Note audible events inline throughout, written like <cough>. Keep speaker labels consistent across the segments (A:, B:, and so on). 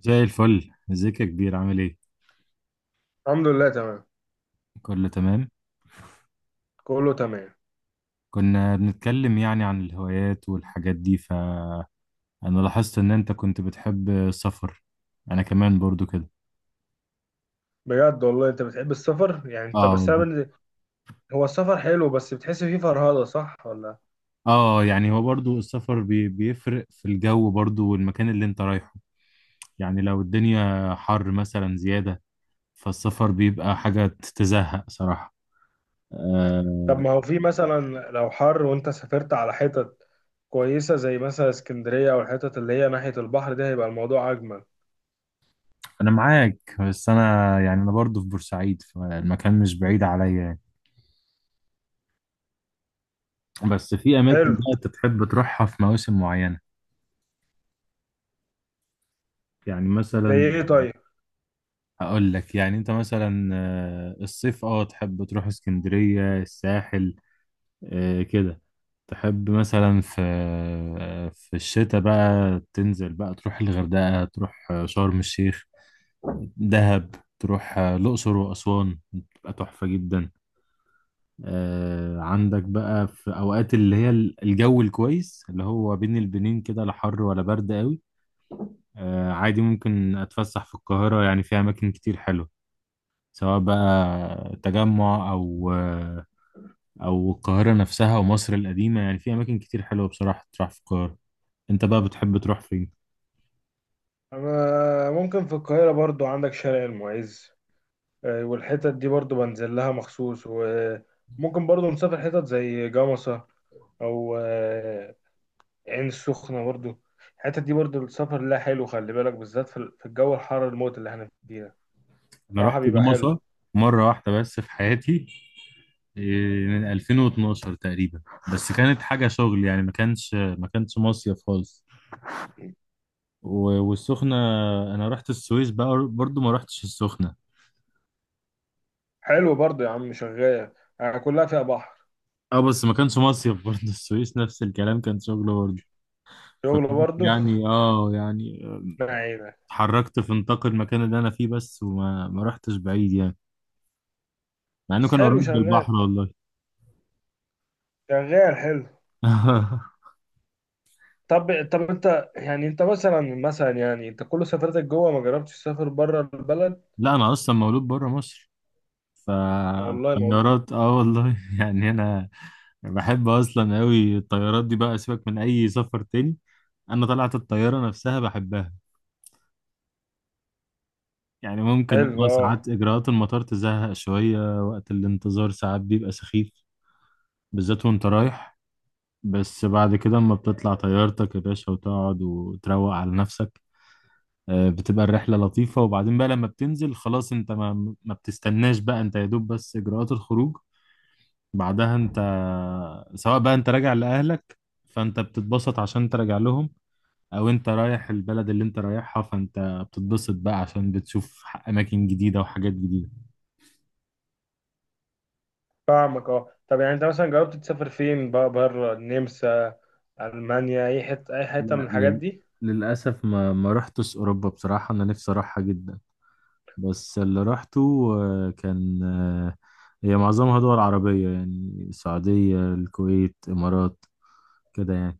A: زي الفل، ازيك يا كبير؟ عامل ايه؟
B: الحمد لله، تمام.
A: كله تمام.
B: كله تمام.
A: كنا بنتكلم يعني عن الهوايات والحاجات دي، فانا لاحظت ان انت كنت بتحب السفر. انا كمان برضو كده.
B: بجد والله انت بتحب السفر؟ يعني انت
A: اه
B: بس
A: والله.
B: هو السفر حلو، بس بتحس فيه فرهدة، صح ولا؟
A: اه، يعني هو برضو السفر بيفرق في الجو برضو، والمكان اللي انت رايحه. يعني لو الدنيا حر مثلا زيادة، فالسفر بيبقى حاجة تزهق صراحة.
B: طب
A: آه
B: ما هو في مثلا لو حر وانت سافرت على حتت كويسة زي مثلا اسكندرية، او الحتت اللي هي ناحية البحر، ده هيبقى الموضوع اجمل.
A: انا معاك، بس انا برضو في بورسعيد، فالمكان مش بعيد عليا. بس في اماكن
B: حلو.
A: بقى انت تحب تروحها في مواسم معينه. يعني
B: زي
A: مثلا،
B: ايه طيب؟
A: هقول لك، يعني انت مثلا الصيف تحب تروح اسكندريه، الساحل كده. تحب مثلا في الشتاء بقى تنزل بقى تروح الغردقه، تروح شرم الشيخ، دهب، تروح الاقصر واسوان، بتبقى تحفه جدا. عندك بقى في اوقات اللي هي الجو الكويس، اللي هو بين البنين كده، لا حر ولا برد قوي. عادي ممكن أتفسح في القاهرة، يعني فيها أماكن كتير حلوة، سواء بقى تجمع أو القاهرة نفسها، ومصر القديمة. يعني في أماكن كتير حلوة بصراحة تروح في القاهرة. أنت بقى بتحب تروح فين؟
B: انا ممكن في القاهرة برضو، عندك شارع المعز والحتت دي برضو بنزل لها مخصوص. وممكن برضو نسافر حتت زي جمصة او عين السخنة برضو. الحتت دي برضو السفر لها حلو. خلي بالك، بالذات في الجو الحر الموت اللي احنا فيه ده.
A: أنا
B: صراحة
A: رحت
B: بيبقى حلو.
A: جمصة مرة واحدة بس في حياتي. من 2012 تقريبا. بس كانت حاجة شغل، يعني ما كانش مصيف خالص. والسخنة، أنا رحت السويس بقى برضو، ما رحتش السخنة.
B: حلو برضو يا عم، شغال، يعني كلها فيها بحر.
A: اه، بس ما كانش مصيف برضه <laughs> السويس نفس الكلام، كان شغل برضه.
B: شغل
A: فكنت
B: برضو
A: يعني
B: <laughs>
A: اه يعني
B: ما عينك.
A: اتحركت في نطاق المكان اللي انا فيه بس، وما ما رحتش بعيد يعني، مع انه
B: بس
A: كان قريب
B: حلو،
A: من
B: شغال.
A: البحر، والله
B: شغال حلو.
A: <laughs>
B: طب انت يعني انت مثلا يعني انت كل سفرتك جوه، ما جربتش تسافر بره البلد؟
A: لا، انا اصلا مولود بره مصر.
B: والله ما اقول.
A: فالطيارات، اه والله <laughs> يعني انا بحب اصلا قوي الطيارات دي، بقى سيبك من اي سفر تاني. انا طلعت الطياره نفسها بحبها. يعني ممكن
B: حلو اه.
A: ساعات اجراءات المطار تزهق شويه، وقت الانتظار ساعات بيبقى سخيف، بالذات وانت رايح. بس بعد كده، اما بتطلع طيارتك يا باشا وتقعد وتروق على نفسك، بتبقى الرحلة لطيفة. وبعدين بقى لما بتنزل خلاص، انت ما بتستناش بقى، انت يا دوب بس اجراءات الخروج، بعدها انت، سواء بقى انت راجع لأهلك فانت بتتبسط عشان تراجع لهم، او انت رايح البلد اللي انت رايحها، فانت بتتبسط بقى عشان بتشوف اماكن جديدة وحاجات جديدة.
B: فاهمك اه. طب يعني انت مثلا جربت تسافر فين بقى، بره؟ النمسا، المانيا، اي حته، اي حته، من
A: لا،
B: الحاجات دي؟
A: للأسف ما رحتش أوروبا بصراحة، أنا نفسي أروحها جدا. بس اللي رحته كان، هي معظمها دول عربية، يعني السعودية، الكويت، إمارات، كده يعني.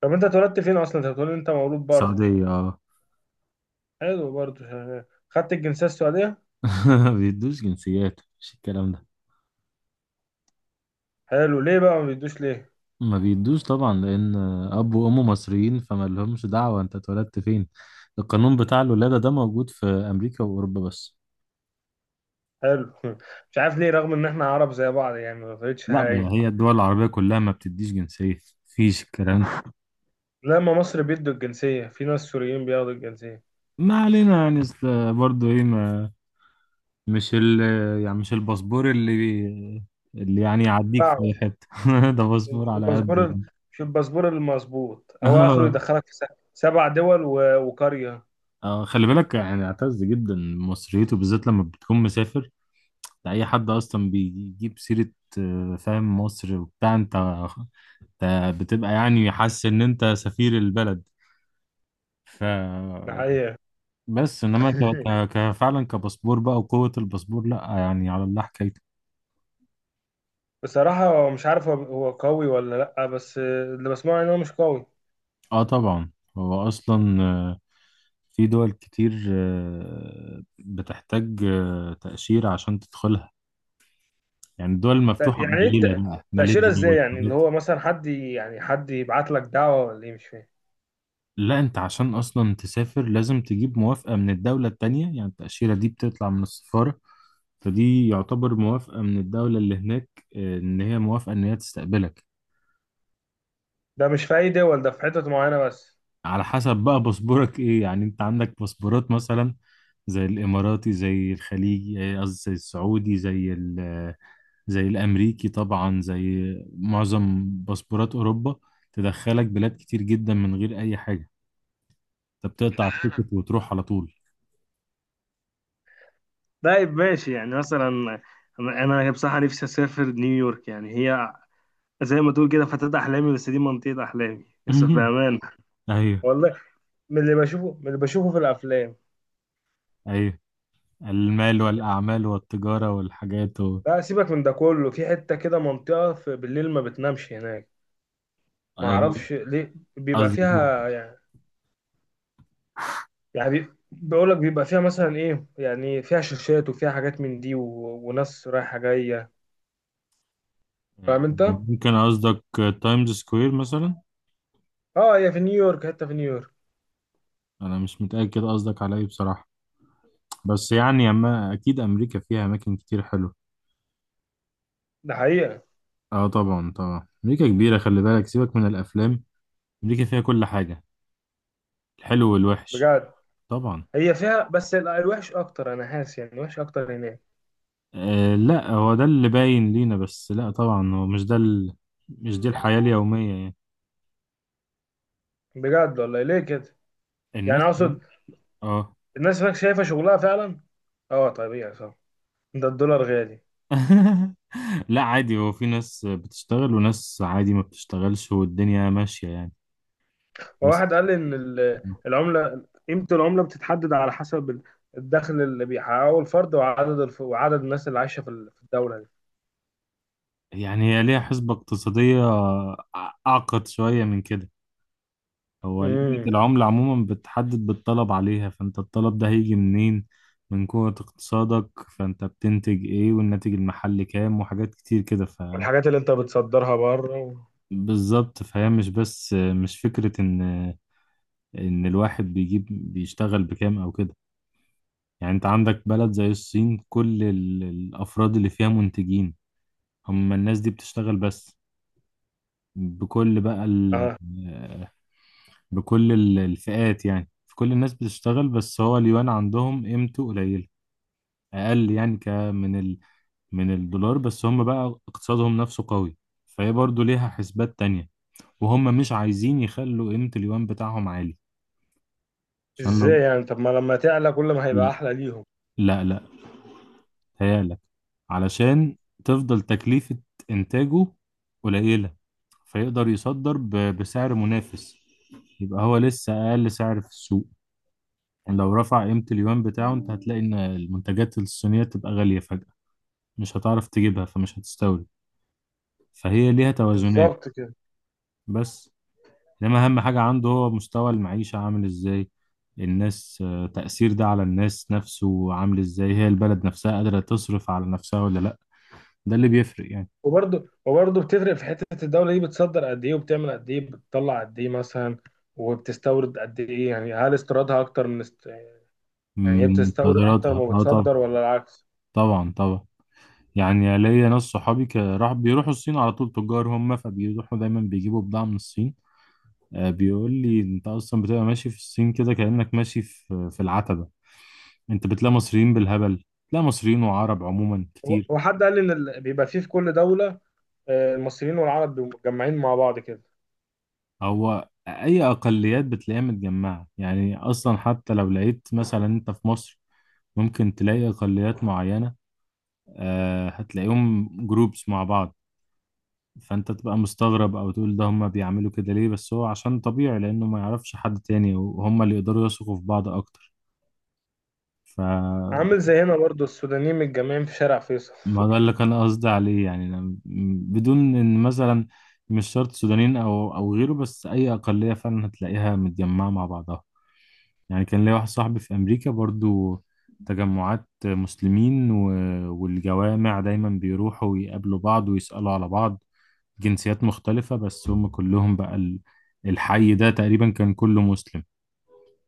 B: طب انت اتولدت فين اصلا؟ انت بتقول انت مولود بره.
A: السعودية، اه
B: حلو برضه، شغال. خدت الجنسيه السعوديه؟
A: <laughs> ما بيدوش جنسيات، مش الكلام ده.
B: حلو، ليه بقى ما بيدوش ليه؟
A: ما بيدوش طبعا، لأن أب وأم مصريين، فما لهمش دعوة أنت اتولدت فين. القانون بتاع الولادة ده موجود في أمريكا وأوروبا بس.
B: حلو <laughs> مش عارف ليه، رغم ان احنا عرب زي بعض، يعني ما فرقتش
A: لا، ما
B: حاجه.
A: هي الدول العربية كلها ما بتديش جنسية، مفيش الكلام ده.
B: لما مصر بيدوا الجنسيه، في ناس سوريين بياخدوا الجنسيه.
A: ما علينا، يعني أصل برضه إيه، ما مش ال يعني مش الباسبور اللي اللي يعني يعديك
B: صعب.
A: في اي حته <laughs> ده باسبور
B: في
A: على قد
B: الباسبور
A: يعني.
B: في الباسبور المظبوط، هو اخره
A: اه،
B: يدخلك في سبع دول وقريه.
A: اه، خلي بالك يعني، اعتز جدا مصريته بالذات لما بتكون مسافر. ده اي حد اصلا بيجيب سيره، فاهم مصر وبتاع، انت بتبقى يعني حاسس ان انت سفير البلد. ف
B: ده حقيقه.
A: بس انما
B: <laughs>
A: فعلا كباسبور بقى، وقوه الباسبور، لا يعني على الله حكايته.
B: بصراحه مش عارف، هو هو قوي ولا لا، بس اللي بسمعه ان هو مش قوي.
A: اه، طبعا. هو اصلا في دول كتير بتحتاج تأشيرة عشان تدخلها. يعني الدول المفتوحة
B: يعني ايه
A: قليلة، بقى
B: تأشيرة
A: ماليزيا
B: ازاي؟ يعني اللي
A: والحاجات.
B: هو مثلا حد يعني حد يبعت لك دعوة ولا ايه؟ مش فاهم.
A: لا، انت عشان اصلا تسافر لازم تجيب موافقة من الدولة التانية. يعني التأشيرة دي بتطلع من السفارة، فدي يعتبر موافقة من الدولة اللي هناك، ان هي موافقة، ان هي تستقبلك.
B: ده مش في اي دول، ده في حتت معينة بس؟
A: على حسب بقى باسبورك ايه. يعني انت عندك باسبورات مثلا، زي الاماراتي، زي الخليجي، قصدي زي السعودي، زي ال آه، زي الامريكي طبعا، زي معظم باسبورات اوروبا، تدخلك بلاد كتير جدا من غير اي حاجه، انت بتقطع التيكت وتروح على طول.
B: طيب ماشي. يعني مثلا انا بصراحه نفسي اسافر نيويورك. يعني هي زي ما تقول كده فتاة احلامي، بس دي منطقه احلامي بس
A: <laughs>
B: بامان.
A: ايوه،
B: والله، من اللي بشوفه في الافلام.
A: ايوه. المال والاعمال والتجاره والحاجات.
B: لا سيبك من ده كله، في حتة كده، منطقة في بالليل ما بتنامش هناك. ما اعرفش ليه بيبقى
A: قصدي
B: فيها. يعني يعني بقول لك بيبقى فيها مثلا ايه، يعني فيها شاشات وفيها حاجات من دي وناس رايحه جايه. فاهم انت؟
A: ممكن قصدك تايمز سكوير مثلا.
B: اه، هي في نيويورك، حته في نيويورك.
A: انا مش متاكد قصدك على ايه بصراحه، بس يعني أما أكيد أمريكا فيها أماكن كتير حلوة.
B: ده حقيقه.
A: أه، طبعا طبعا. أمريكا كبيرة، خلي بالك، سيبك من الأفلام. أمريكا فيها كل حاجة، الحلو والوحش.
B: بجد،
A: طبعا.
B: هي فيها بس الوحش اكتر، انا حاسس يعني الوحش اكتر هناك.
A: أه، لا، هو ده اللي باين لينا بس، لا طبعا هو مش ده مش دي الحياة اليومية يعني.
B: بجد والله ليه كده؟ يعني
A: الناس،
B: اقصد
A: أه
B: الناس هناك شايفه شغلها فعلا، اه طبيعي، صح. ده الدولار غالي.
A: <laughs> لا، عادي، هو في ناس بتشتغل وناس عادي ما بتشتغلش، والدنيا ماشية يعني. بس
B: وواحد قال لي ان العمله، قيمه العمله بتتحدد على حسب الدخل اللي بيحققه الفرد، وعدد وعدد الناس اللي عايشه في الدوله
A: يعني هي ليها حسبة اقتصادية أعقد شوية من كده. هو
B: دي،
A: قيمة العملة عموما بتحدد بالطلب عليها، فأنت الطلب ده هيجي منين؟ من قوة اقتصادك، فأنت بتنتج إيه، والناتج المحلي كام، وحاجات كتير كده.
B: والحاجات اللي انت بتصدرها بره
A: بالظبط. فهي مش بس، مش فكرة إن الواحد بيشتغل بكام أو كده. يعني أنت عندك بلد زي الصين، كل الأفراد اللي فيها منتجين، هم الناس دي بتشتغل، بس بكل بقى ال...
B: اه.
A: بكل ال- الفئات يعني في كل الناس بتشتغل، بس هو اليوان عندهم قيمته قليلة، اقل يعني من الدولار، بس هم بقى اقتصادهم نفسه قوي. فهي برضو ليها حسبات تانية، وهم مش عايزين يخلوا قيمة اليوان بتاعهم عالي، عشان
B: ازاي
A: لو،
B: يعني؟ طب ما لما تعلى، كل ما هيبقى
A: لا،
B: احلى ليهم.
A: لا، لا، تهيألك، علشان تفضل تكلفة إنتاجه قليلة، فيقدر يصدر بسعر منافس، يبقى هو لسه أقل سعر في السوق. يعني لو رفع قيمة اليوان بتاعه، أنت هتلاقي إن المنتجات الصينية تبقى غالية فجأة، مش هتعرف تجيبها، فمش هتستورد. فهي ليها توازنات.
B: بالظبط كده.
A: بس انما اهم حاجة عنده، هو مستوى المعيشة عامل ازاي، الناس آه، تأثير ده على الناس نفسه عامل ازاي، هي البلد نفسها قادرة تصرف على نفسها ولا لا، ده اللي بيفرق يعني.
B: وبرده بتفرق في حتة الدولة دي بتصدر قد ايه، وبتعمل قد ايه، بتطلع قد ايه مثلا وبتستورد قد ايه. يعني هل استيرادها اكتر من يعني هي
A: من
B: بتستورد اكتر
A: قدراتها،
B: ما
A: اه طبعا،
B: بتصدر ولا العكس؟
A: طبعا طبعا. يعني ليا ناس صحابي راح بيروحوا الصين على طول، تجار هم، فبيروحوا دايما بيجيبوا بضاعة من الصين. بيقول لي انت اصلا بتبقى ماشي في الصين كده، كأنك ماشي في العتبة. انت بتلاقي مصريين بالهبل، بتلاقي مصريين وعرب عموما
B: هو
A: كتير.
B: هو حد قال لي ان بيبقى فيه في كل دولة المصريين والعرب بيبقوا متجمعين مع بعض كده.
A: هو اي اقليات بتلاقيها متجمعه يعني، اصلا حتى لو لقيت مثلا انت في مصر ممكن تلاقي اقليات معينه، هتلاقيهم جروبس مع بعض، فانت تبقى مستغرب او تقول ده هما بيعملوا كده ليه، بس هو عشان طبيعي لانه ما يعرفش حد تاني، وهما اللي يقدروا يثقوا في بعض اكتر. فما
B: عامل زي هنا برضو، السودانيين متجمعين في شارع فيصل
A: ده
B: <laughs>
A: اللي كان قصدي عليه يعني. أنا بدون ان مثلا، مش شرط سودانيين او غيره، بس اي اقليه فعلا هتلاقيها متجمعه مع بعضها. يعني كان ليا واحد صاحبي في أمريكا برضو، تجمعات مسلمين والجوامع، دايما بيروحوا ويقابلوا بعض ويسألوا على بعض، جنسيات مختلفة. بس هم كلهم بقى، الحي ده تقريبا كان كله مسلم،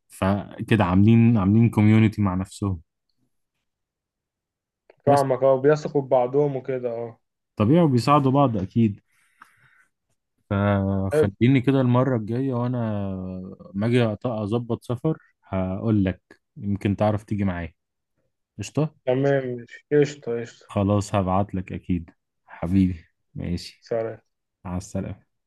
A: فكده عاملين كوميونيتي مع نفسهم. بس،
B: فاهمك اه، بيثقوا في بعضهم وكده اه.
A: طبيعي، وبيساعدوا بعض أكيد. فخليني كده المرة الجاية، وأنا ما أجي أظبط سفر، هقول لك، يمكن تعرف تيجي معايا. قشطة.
B: تمام ماشي، قشطة قشطة.
A: خلاص، هبعتلك أكيد. حبيبي، ماشي.
B: سلام.
A: على السلامة.